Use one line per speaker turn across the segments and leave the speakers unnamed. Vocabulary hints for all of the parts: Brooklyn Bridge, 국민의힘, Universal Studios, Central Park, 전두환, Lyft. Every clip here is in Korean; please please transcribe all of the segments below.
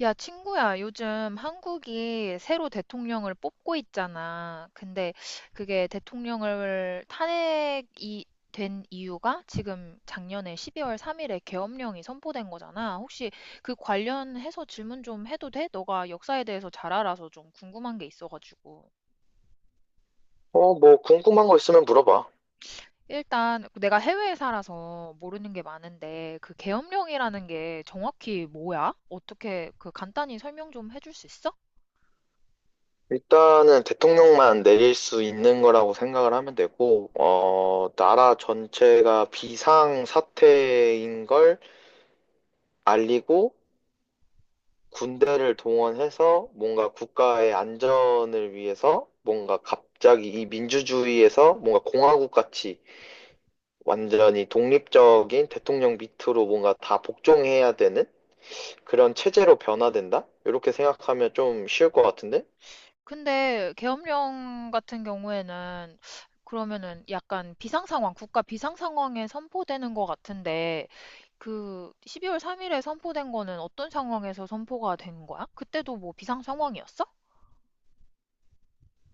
야, 친구야, 요즘 한국이 새로 대통령을 뽑고 있잖아. 근데 그게 대통령을 탄핵이 된 이유가 지금 작년에 12월 3일에 계엄령이 선포된 거잖아. 혹시 그 관련해서 질문 좀 해도 돼? 너가 역사에 대해서 잘 알아서 좀 궁금한 게 있어가지고.
어, 뭐 궁금한 거 있으면 물어봐.
일단 내가 해외에 살아서 모르는 게 많은데 그 계엄령이라는 게 정확히 뭐야? 어떻게 그 간단히 설명 좀 해줄 수 있어?
일단은 대통령만 내릴 수 있는 거라고 생각을 하면 되고, 나라 전체가 비상 사태인 걸 알리고 군대를 동원해서 뭔가 국가의 안전을 위해서 뭔가 갑자기 이 민주주의에서 뭔가 공화국 같이 완전히 독립적인 대통령 밑으로 뭔가 다 복종해야 되는 그런 체제로 변화된다? 이렇게 생각하면 좀 쉬울 것 같은데?
근데 계엄령 같은 경우에는 그러면은 약간 비상상황, 국가 비상상황에 선포되는 것 같은데 그 12월 3일에 선포된 거는 어떤 상황에서 선포가 된 거야? 그때도 뭐 비상 상황이었어?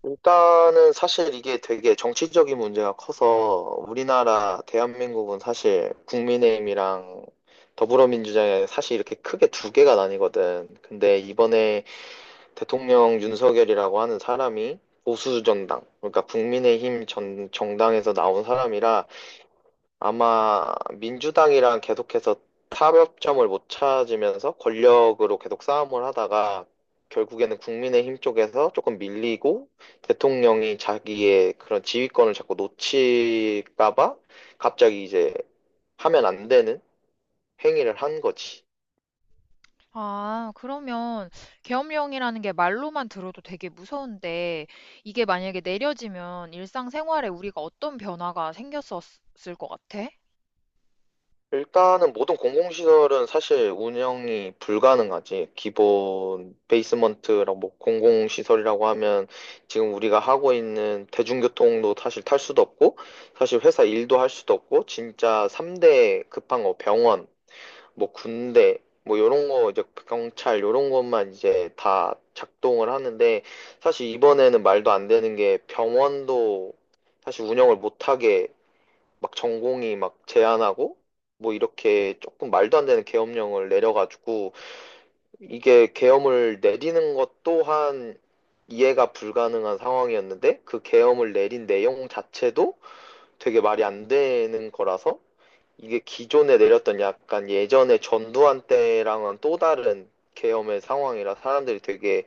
일단은 사실 이게 되게 정치적인 문제가 커서 우리나라 대한민국은 사실 국민의힘이랑 더불어민주당이 사실 이렇게 크게 두 개가 나뉘거든. 근데 이번에 대통령 윤석열이라고 하는 사람이 보수 정당, 그러니까 국민의힘 정당에서 나온 사람이라 아마 민주당이랑 계속해서 타협점을 못 찾으면서 권력으로 계속 싸움을 하다가 결국에는 국민의힘 쪽에서 조금 밀리고 대통령이 자기의 그런 지휘권을 자꾸 놓칠까 봐 갑자기 이제 하면 안 되는 행위를 한 거지.
아, 그러면 계엄령이라는 게 말로만 들어도 되게 무서운데 이게 만약에 내려지면 일상생활에 우리가 어떤 변화가 생겼었을 것 같아?
일단은 모든 공공시설은 사실 운영이 불가능하지. 기본 베이스먼트라고 뭐 공공시설이라고 하면 지금 우리가 하고 있는 대중교통도 사실 탈 수도 없고, 사실 회사 일도 할 수도 없고, 진짜 3대 급한 거 병원, 뭐 군대, 뭐 요런 거 이제 경찰 요런 것만 이제 다 작동을 하는데, 사실 이번에는 말도 안 되는 게 병원도 사실 운영을 못하게 막 전공이 막 제한하고 뭐 이렇게 조금 말도 안 되는 계엄령을 내려가지고 이게 계엄을 내리는 것 또한 이해가 불가능한 상황이었는데, 그 계엄을 내린 내용 자체도 되게 말이 안 되는 거라서 이게 기존에 내렸던 약간 예전에 전두환 때랑은 또 다른 계엄의 상황이라 사람들이 되게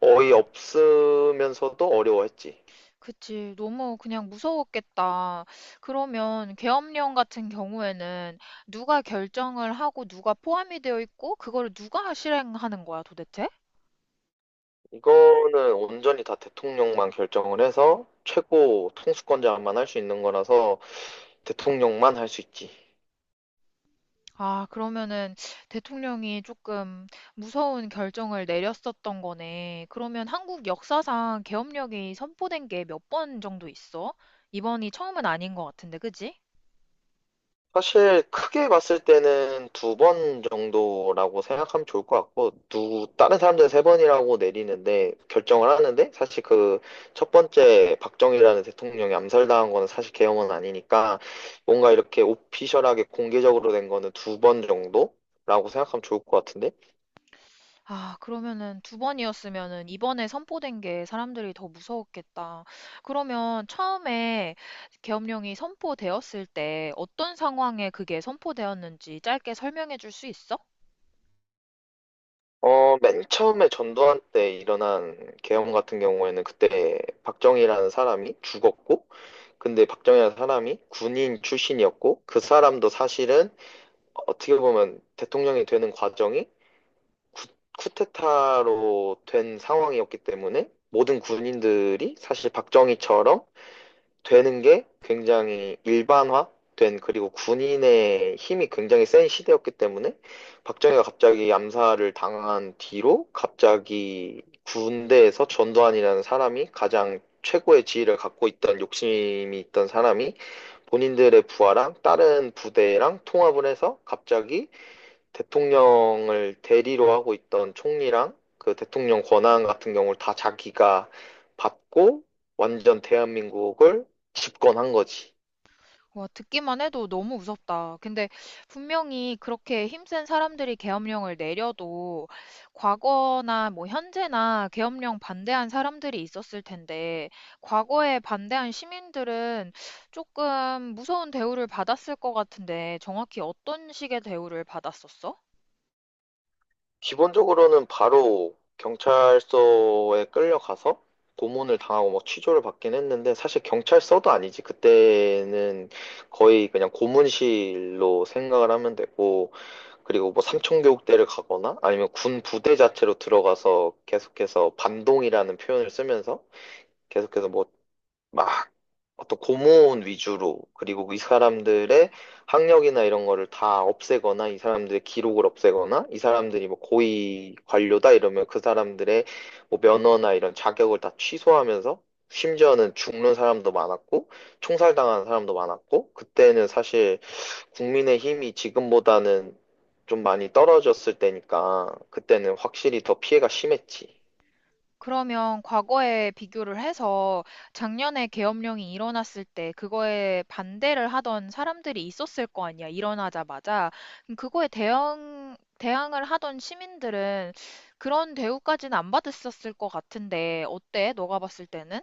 어이없으면서도 어려워했지.
그치. 너무 그냥 무서웠겠다. 그러면 계엄령 같은 경우에는 누가 결정을 하고 누가 포함이 되어 있고 그거를 누가 실행하는 거야 도대체?
이거는 온전히 다 대통령만 결정을 해서 최고 통수권자만 할 수 있는 거라서 대통령만 할 수 있지.
아, 그러면은 대통령이 조금 무서운 결정을 내렸었던 거네. 그러면 한국 역사상 계엄령이 선포된 게 몇 번 정도 있어? 이번이 처음은 아닌 것 같은데, 그지?
사실 크게 봤을 때는 두 번 정도라고 생각하면 좋을 것 같고, 다른 사람들은 세 번이라고 내리는데, 결정을 하는데, 사실 그 첫 번째 박정희라는 대통령이 암살당한 거는 사실 계엄은 아니니까, 뭔가 이렇게 오피셜하게 공개적으로 된 거는 두 번 정도라고 생각하면 좋을 것 같은데?
아, 그러면은 두 번이었으면은 이번에 선포된 게 사람들이 더 무서웠겠다. 그러면 처음에 계엄령이 선포되었을 때 어떤 상황에 그게 선포되었는지 짧게 설명해 줄 수 있어?
맨 처음에 전두환 때 일어난 계엄 같은 경우에는 그때 박정희라는 사람이 죽었고, 근데 박정희라는 사람이 군인 출신이었고, 그 사람도 사실은 어떻게 보면 대통령이 되는 과정이 쿠, 쿠데타로 된 상황이었기 때문에 모든 군인들이 사실 박정희처럼 되는 게 굉장히 일반화된, 그리고 군인의 힘이 굉장히 센 시대였기 때문에 박정희가 갑자기 암살을 당한 뒤로 갑자기 군대에서 전두환이라는 사람이 가장 최고의 지위를 갖고 있던, 욕심이 있던 사람이 본인들의 부하랑 다른 부대랑 통합을 해서 갑자기 대통령을 대리로 하고 있던 총리랑 그 대통령 권한 같은 경우를 다 자기가 받고 완전 대한민국을 집권한 거지.
와, 듣기만 해도 너무 무섭다. 근데 분명히 그렇게 힘센 사람들이 계엄령을 내려도 과거나 뭐 현재나 계엄령 반대한 사람들이 있었을 텐데 과거에 반대한 시민들은 조금 무서운 대우를 받았을 것 같은데 정확히 어떤 식의 대우를 받았었어?
기본적으로는 바로 경찰서에 끌려가서 고문을 당하고 뭐 취조를 받긴 했는데, 사실 경찰서도 아니지. 그때는 거의 그냥 고문실로 생각을 하면 되고 그리고 뭐 삼청교육대를 가거나 아니면 군 부대 자체로 들어가서 계속해서 반동이라는 표현을 쓰면서 계속해서 뭐, 막, 어떤 고문 위주로, 그리고 이 사람들의 학력이나 이런 거를 다 없애거나, 이 사람들의 기록을 없애거나, 이 사람들이 뭐 고위 관료다 이러면 그 사람들의 뭐 면허나 이런 자격을 다 취소하면서, 심지어는 죽는 사람도 많았고, 총살당한 사람도 많았고, 그때는 사실 국민의 힘이 지금보다는 좀 많이 떨어졌을 때니까, 그때는 확실히 더 피해가 심했지.
그러면 과거에 비교를 해서 작년에 계엄령이 일어났을 때 그거에 반대를 하던 사람들이 있었을 거 아니야, 일어나자마자. 그럼 그거에 대응, 대항을 하던 시민들은 그런 대우까지는 안 받았었을 것 같은데, 어때? 너가 봤을 때는?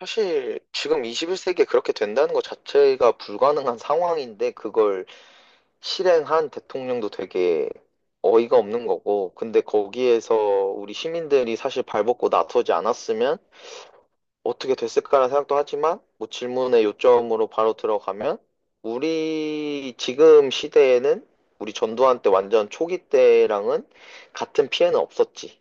사실 지금 21세기에 그렇게 된다는 것 자체가 불가능한 상황인데 그걸 실행한 대통령도 되게 어이가 없는 거고, 근데 거기에서 우리 시민들이 사실 발벗고 나서지 않았으면 어떻게 됐을까라는 생각도 하지만, 뭐 질문의 요점으로 바로 들어가면 우리 지금 시대에는 우리 전두환 때 완전 초기 때랑은 같은 피해는 없었지.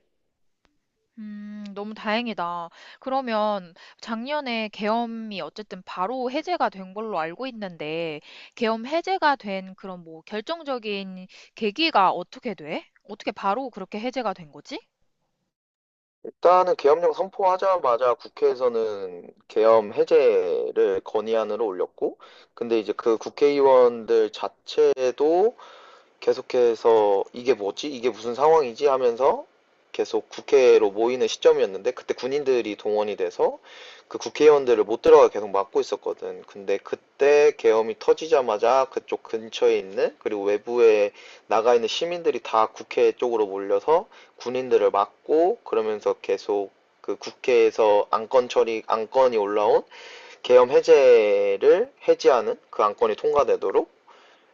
너무 다행이다. 그러면 작년에 계엄이 어쨌든 바로 해제가 된 걸로 알고 있는데, 계엄 해제가 된 그런 뭐 결정적인 계기가 어떻게 돼? 어떻게 바로 그렇게 해제가 된 거지?
일단은 계엄령 선포하자마자 국회에서는 계엄 해제를 건의안으로 올렸고, 근데 이제 그 국회의원들 자체도 계속해서 이게 뭐지? 이게 무슨 상황이지? 하면서 계속 국회로 모이는 시점이었는데, 그때 군인들이 동원이 돼서 그 국회의원들을 못 들어가 계속 막고 있었거든. 근데 그때 계엄이 터지자마자 그쪽 근처에 있는, 그리고 외부에 나가 있는 시민들이 다 국회 쪽으로 몰려서 군인들을 막고 그러면서 계속 그 국회에서 안건 처리, 안건이 올라온 계엄 해제를 해제하는 그 안건이 통과되도록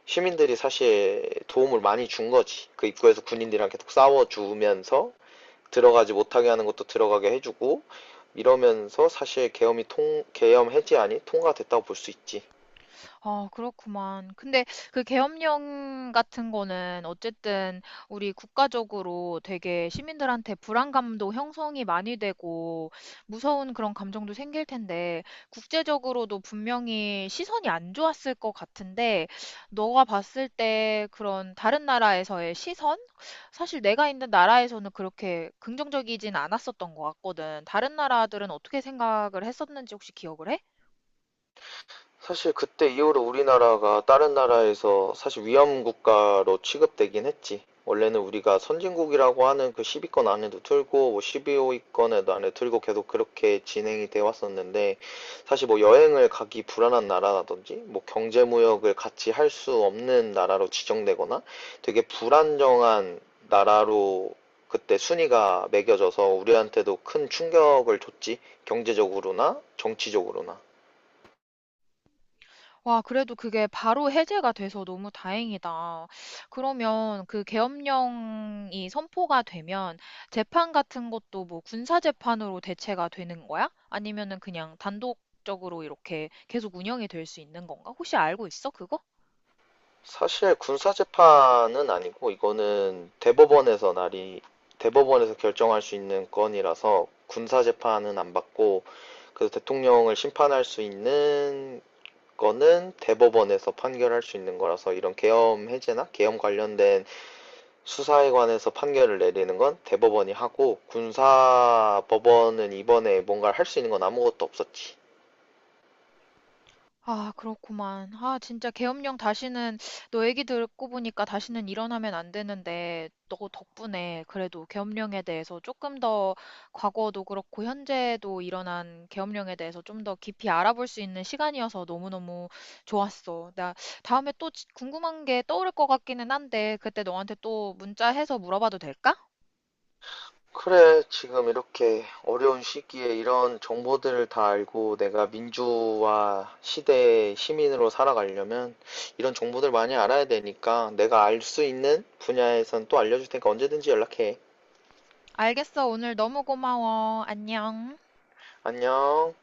시민들이 사실 도움을 많이 준 거지. 그 입구에서 군인들이랑 계속 싸워주면서 들어가지 못하게 하는 것도 들어가게 해주고 이러면서 사실 계엄 해제안이 통과됐다고 볼 수 있지.
아, 그렇구만. 근데 그 계엄령 같은 거는 어쨌든 우리 국가적으로 되게 시민들한테 불안감도 형성이 많이 되고 무서운 그런 감정도 생길 텐데 국제적으로도 분명히 시선이 안 좋았을 것 같은데 너가 봤을 때 그런 다른 나라에서의 시선? 사실 내가 있는 나라에서는 그렇게 긍정적이진 않았었던 것 같거든. 다른 나라들은 어떻게 생각을 했었는지 혹시 기억을 해?
사실 그때 이후로 우리나라가 다른 나라에서 사실 위험 국가로 취급되긴 했지. 원래는 우리가 선진국이라고 하는 그 10위권 안에도 들고 뭐 12위권에도 안에 들고 계속 그렇게 진행이 되어 왔었는데, 사실 뭐 여행을 가기 불안한 나라라든지 뭐 경제 무역을 같이 할 수 없는 나라로 지정되거나 되게 불안정한 나라로 그때 순위가 매겨져서 우리한테도 큰 충격을 줬지. 경제적으로나 정치적으로나.
와, 그래도 그게 바로 해제가 돼서 너무 다행이다. 그러면 그 계엄령이 선포가 되면 재판 같은 것도 뭐 군사 재판으로 대체가 되는 거야? 아니면은 그냥 단독적으로 이렇게 계속 운영이 될 수 있는 건가? 혹시 알고 있어, 그거?
사실 군사 재판은 아니고 이거는 대법원에서 결정할 수 있는 건이라서 군사 재판은 안 받고, 그 대통령을 심판할 수 있는 거는 대법원에서 판결할 수 있는 거라서 이런 계엄 해제나 계엄 관련된 수사에 관해서 판결을 내리는 건 대법원이 하고, 군사 법원은 이번에 뭔가를 할 수 있는 건 아무것도 없었지.
아, 그렇구만. 아, 진짜 계엄령 다시는 너 얘기 듣고 보니까 다시는 일어나면 안 되는데 너 덕분에 그래도 계엄령에 대해서 조금 더 과거도 그렇고 현재도 일어난 계엄령에 대해서 좀 더 깊이 알아볼 수 있는 시간이어서 너무너무 좋았어. 나 다음에 또 궁금한 게 떠오를 것 같기는 한데 그때 너한테 또 문자해서 물어봐도 될까?
그래, 지금 이렇게 어려운 시기에 이런 정보들을 다 알고 내가 민주화 시대의 시민으로 살아가려면 이런 정보들 많이 알아야 되니까 내가 알 수 있는 분야에선 또 알려줄 테니까 언제든지 연락해.
알겠어. 오늘 너무 고마워. 안녕.
안녕.